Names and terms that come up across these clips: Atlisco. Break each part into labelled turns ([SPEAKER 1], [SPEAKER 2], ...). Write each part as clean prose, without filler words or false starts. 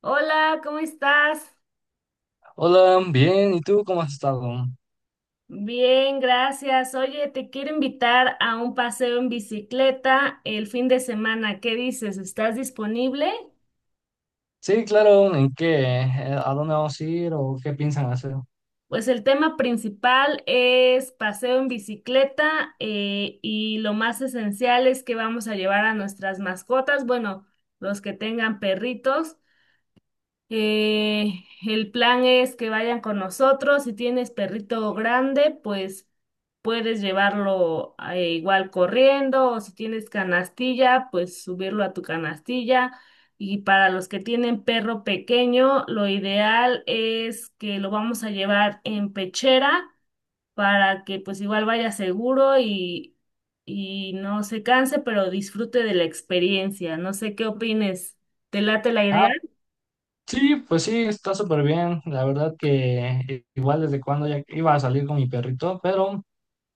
[SPEAKER 1] Hola, ¿cómo estás?
[SPEAKER 2] Hola, bien, ¿y tú cómo has estado?
[SPEAKER 1] Bien, gracias. Oye, te quiero invitar a un paseo en bicicleta el fin de semana. ¿Qué dices? ¿Estás disponible?
[SPEAKER 2] Sí, claro, ¿en qué? ¿A dónde vamos a ir o qué piensan hacer?
[SPEAKER 1] Pues el tema principal es paseo en bicicleta y lo más esencial es que vamos a llevar a nuestras mascotas, bueno, los que tengan perritos. El plan es que vayan con nosotros. Si tienes perrito grande, pues puedes llevarlo igual corriendo o si tienes canastilla, pues subirlo a tu canastilla. Y para los que tienen perro pequeño, lo ideal es que lo vamos a llevar en pechera para que pues igual vaya seguro y no se canse, pero disfrute de la experiencia. No sé qué opines. ¿Te late la idea?
[SPEAKER 2] Ah, sí, pues sí, está súper bien. La verdad que igual desde cuando ya iba a salir con mi perrito, pero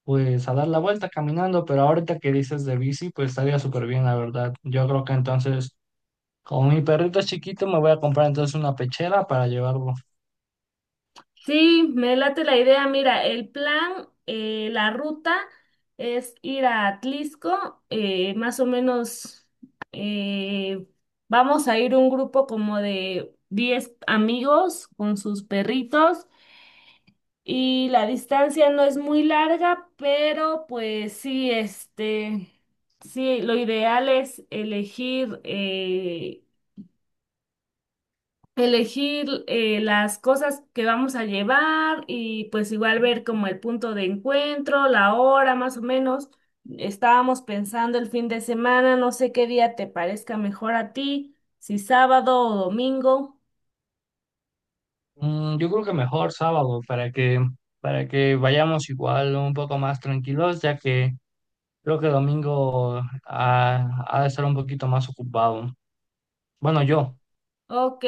[SPEAKER 2] pues a dar la vuelta caminando, pero ahorita que dices de bici, pues estaría súper bien, la verdad. Yo creo que entonces, como mi perrito es chiquito, me voy a comprar entonces una pechera para llevarlo.
[SPEAKER 1] Sí, me late la idea. Mira, el plan, la ruta es ir a Atlisco, más o menos eh, vamos a ir un grupo como de 10 amigos con sus perritos y la distancia no es muy larga, pero pues sí, sí, lo ideal es elegir las cosas que vamos a llevar y pues igual ver como el punto de encuentro, la hora más o menos. Estábamos pensando el fin de semana, no sé qué día te parezca mejor a ti, si sábado o domingo.
[SPEAKER 2] Mm, yo creo que mejor sábado para que vayamos igual un poco más tranquilos, ya que... Creo que domingo ha de estar un poquito más ocupado. Bueno, yo.
[SPEAKER 1] Ok,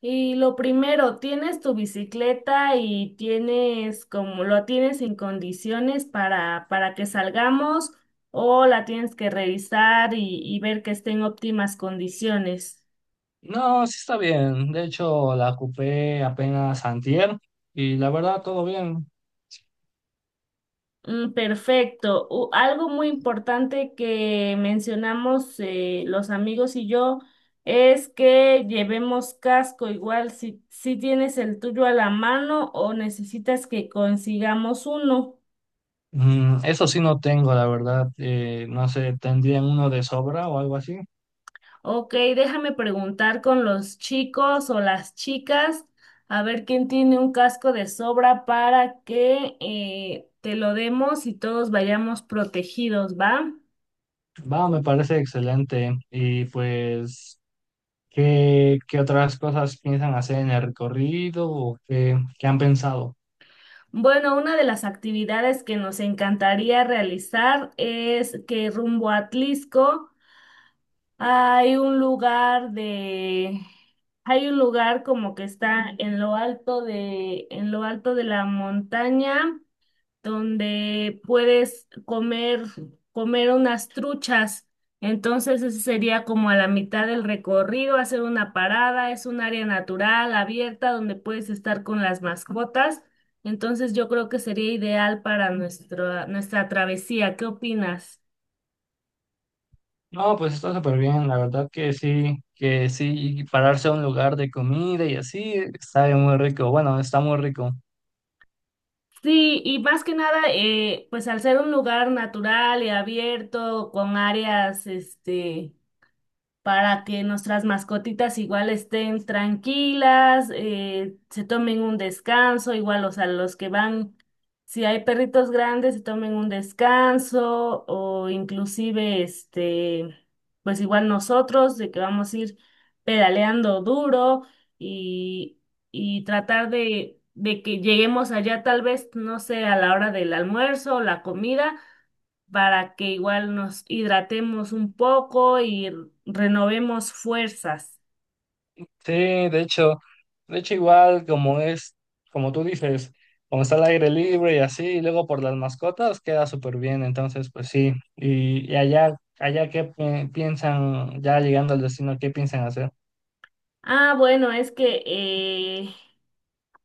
[SPEAKER 1] y lo primero, ¿tienes tu bicicleta y tienes como lo tienes en condiciones para que salgamos o la tienes que revisar y ver que esté en óptimas condiciones?
[SPEAKER 2] No, sí está bien. De hecho, la ocupé apenas antier y la verdad, todo bien.
[SPEAKER 1] Perfecto. Algo muy importante que mencionamos los amigos y yo es que llevemos casco. Igual si tienes el tuyo a la mano o necesitas que consigamos uno.
[SPEAKER 2] Mm, eso sí no tengo, la verdad. No sé, ¿tendrían uno de sobra o algo así?
[SPEAKER 1] Ok, déjame preguntar con los chicos o las chicas a ver quién tiene un casco de sobra para que te lo demos y todos vayamos protegidos, ¿va?
[SPEAKER 2] Va, me parece excelente. Y pues, ¿qué otras cosas piensan hacer en el recorrido o qué han pensado?
[SPEAKER 1] Bueno, una de las actividades que nos encantaría realizar es que rumbo a Tlisco hay un lugar de, hay un lugar como que está en lo alto de la montaña donde comer unas truchas. Entonces, ese sería como a la mitad del recorrido, hacer una parada, es un área natural, abierta, donde puedes estar con las mascotas. Entonces, yo creo que sería ideal para nuestra travesía. ¿Qué opinas?
[SPEAKER 2] No, pues está súper bien, la verdad que sí, y pararse a un lugar de comida y así, sabe muy rico, bueno, está muy rico.
[SPEAKER 1] Sí, y más que nada, pues al ser un lugar natural y abierto, con áreas, para que nuestras mascotitas igual estén tranquilas, se tomen un descanso, igual, o sea, los que van, si hay perritos grandes, se tomen un descanso o inclusive, pues igual nosotros, de que vamos a ir pedaleando duro y, y tratar de que lleguemos allá tal vez, no sé, a la hora del almuerzo o la comida para que igual nos hidratemos un poco y renovemos fuerzas.
[SPEAKER 2] Sí, de hecho igual como es, como tú dices, como está al aire libre y así, y luego por las mascotas queda súper bien, entonces pues sí, y allá, allá qué piensan, ya llegando al destino, qué piensan hacer.
[SPEAKER 1] Ah, bueno, es que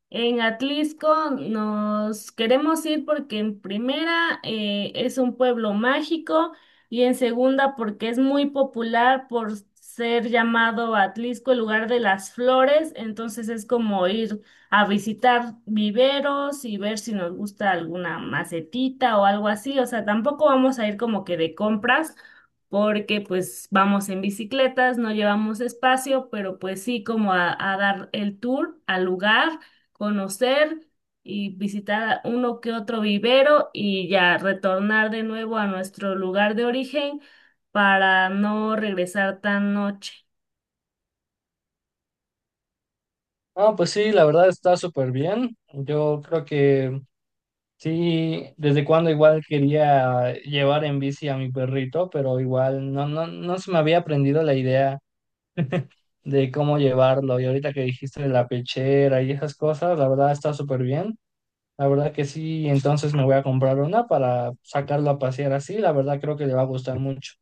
[SPEAKER 1] en Atlisco nos queremos ir porque en primera es un pueblo mágico y en segunda porque es muy popular por ser llamado Atlisco el lugar de las flores, entonces es como ir a visitar viveros y ver si nos gusta alguna macetita o algo así, o sea, tampoco vamos a ir como que de compras porque pues vamos en bicicletas, no llevamos espacio, pero pues sí como a dar el tour al lugar, conocer y visitar uno que otro vivero y ya retornar de nuevo a nuestro lugar de origen para no regresar tan noche.
[SPEAKER 2] No, pues sí, la verdad está súper bien, yo creo que... Sí, desde cuando igual quería llevar en bici a mi perrito, pero igual no, no se me había aprendido la idea de cómo llevarlo. Y ahorita que dijiste de la pechera y esas cosas, la verdad está súper bien. La verdad que sí, entonces me voy a comprar una para sacarlo a pasear así. La verdad creo que le va a gustar mucho.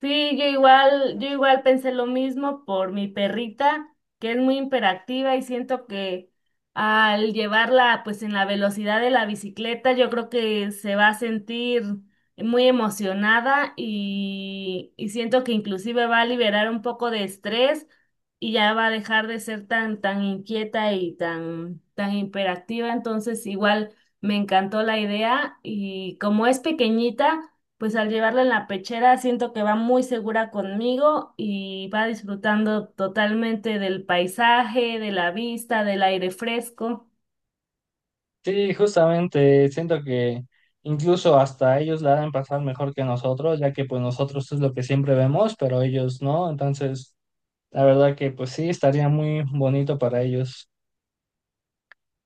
[SPEAKER 1] Sí, yo igual pensé lo mismo por mi perrita, que es muy hiperactiva y siento que al llevarla pues en la velocidad de la bicicleta, yo creo que se va a sentir muy emocionada y siento que inclusive va a liberar un poco de estrés y ya va a dejar de ser tan inquieta y tan hiperactiva. Entonces, igual me encantó la idea y como es pequeñita pues al llevarla en la pechera siento que va muy segura conmigo y va disfrutando totalmente del paisaje, de la vista, del aire fresco.
[SPEAKER 2] Sí, justamente siento que incluso hasta ellos la deben pasar mejor que nosotros, ya que pues nosotros es lo que siempre vemos, pero ellos no. Entonces... La verdad que pues sí, estaría muy bonito para ellos.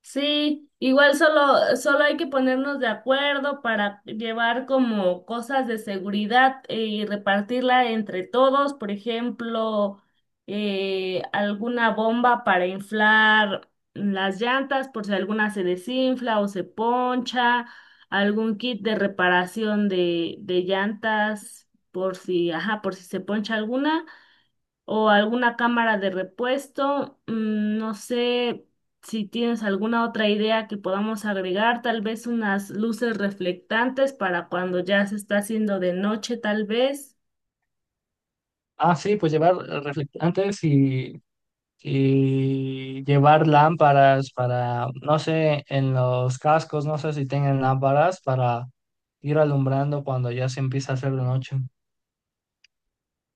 [SPEAKER 1] Sí, igual solo hay que ponernos de acuerdo para llevar como cosas de seguridad y repartirla entre todos, por ejemplo, alguna bomba para inflar las llantas por si alguna se desinfla o se poncha, algún kit de reparación de llantas por si, ajá, por si se poncha alguna o alguna cámara de repuesto. No sé si tienes alguna otra idea que podamos agregar, tal vez unas luces reflectantes para cuando ya se está haciendo de noche, tal vez.
[SPEAKER 2] Ah, sí, pues llevar reflectantes y llevar lámparas para, no sé, en los cascos, no sé si tengan lámparas para ir alumbrando cuando ya se empieza a hacer de noche.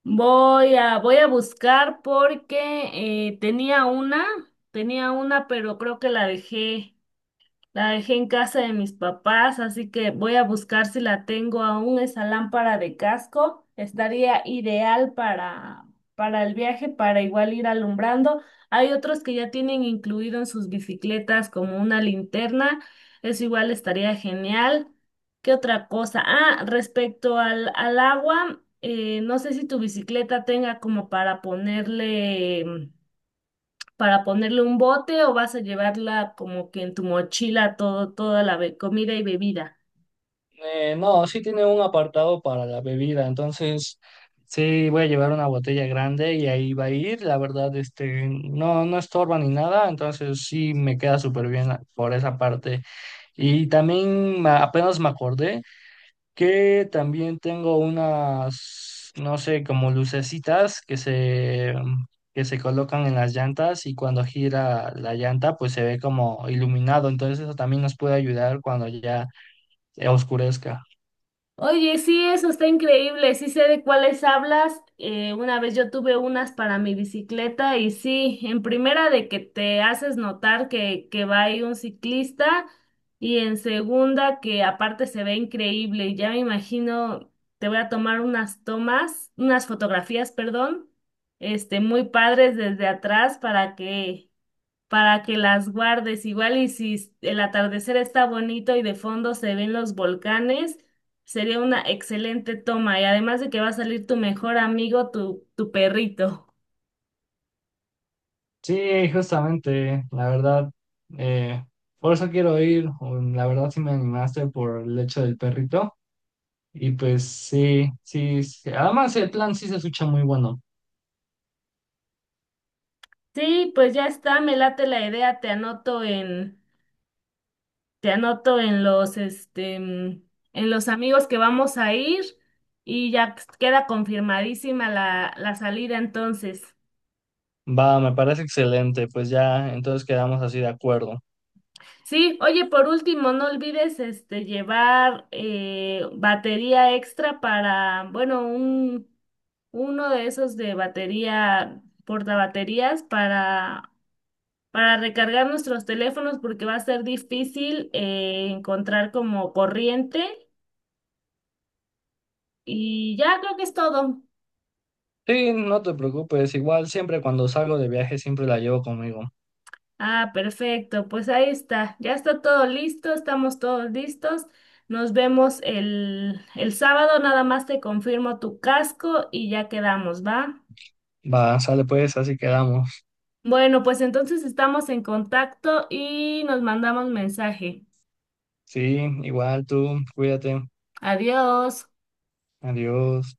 [SPEAKER 1] Voy a buscar porque tenía una, pero creo que la dejé. La dejé en casa de mis papás, así que voy a buscar si la tengo aún, esa lámpara de casco. Estaría ideal para el viaje, para igual ir alumbrando. Hay otros que ya tienen incluido en sus bicicletas como una linterna. Eso igual estaría genial. ¿Qué otra cosa? Ah, respecto al agua, no sé si tu bicicleta tenga como para ponerle un bote o vas a llevarla como que en tu mochila toda la comida y bebida?
[SPEAKER 2] No, sí tiene un apartado para la bebida, entonces sí voy a llevar una botella grande y ahí va a ir. La verdad, este, no, no estorba ni nada, entonces sí me queda súper bien por esa parte. Y también apenas me acordé que también tengo unas, no sé, como lucecitas que se colocan en las llantas y cuando gira la llanta pues se ve como iluminado. Entonces eso también nos puede ayudar cuando oscurezca.
[SPEAKER 1] Oye, sí, eso está increíble, sí sé de cuáles hablas. Una vez yo tuve unas para mi bicicleta y sí, en primera de que te haces notar que va ahí un ciclista y en segunda que aparte se ve increíble. Ya me imagino, te voy a tomar unas fotografías, perdón, este, muy padres desde atrás para que las guardes. Igual y si el atardecer está bonito y de fondo se ven los volcanes, sería una excelente toma. Y además de que va a salir tu mejor amigo, tu perrito.
[SPEAKER 2] Sí, justamente, la verdad. eh, por eso quiero ir. La verdad sí me animaste por el hecho del perrito. Y pues sí, sí. sí. Además el plan sí se escucha muy bueno.
[SPEAKER 1] Sí, pues ya está, me late la idea, te anoto en los, este, en los amigos que vamos a ir y ya queda confirmadísima la salida entonces.
[SPEAKER 2] Va, me parece excelente, pues ya entonces quedamos así de acuerdo.
[SPEAKER 1] Sí, oye, por último, no olvides este llevar batería extra para, bueno, un uno de esos de batería, portabaterías para recargar nuestros teléfonos porque va a ser difícil encontrar como corriente y ya creo que es todo.
[SPEAKER 2] Sí, no te preocupes, igual siempre cuando salgo de viaje siempre la llevo conmigo.
[SPEAKER 1] Ah, perfecto. Pues ahí está. Ya está todo listo, estamos todos listos. Nos vemos el sábado, nada más te confirmo tu casco y ya quedamos, ¿va?
[SPEAKER 2] Va, sale pues, así quedamos.
[SPEAKER 1] Bueno, pues entonces estamos en contacto y nos mandamos mensaje.
[SPEAKER 2] Sí, igual tú, cuídate.
[SPEAKER 1] Adiós.
[SPEAKER 2] Adiós.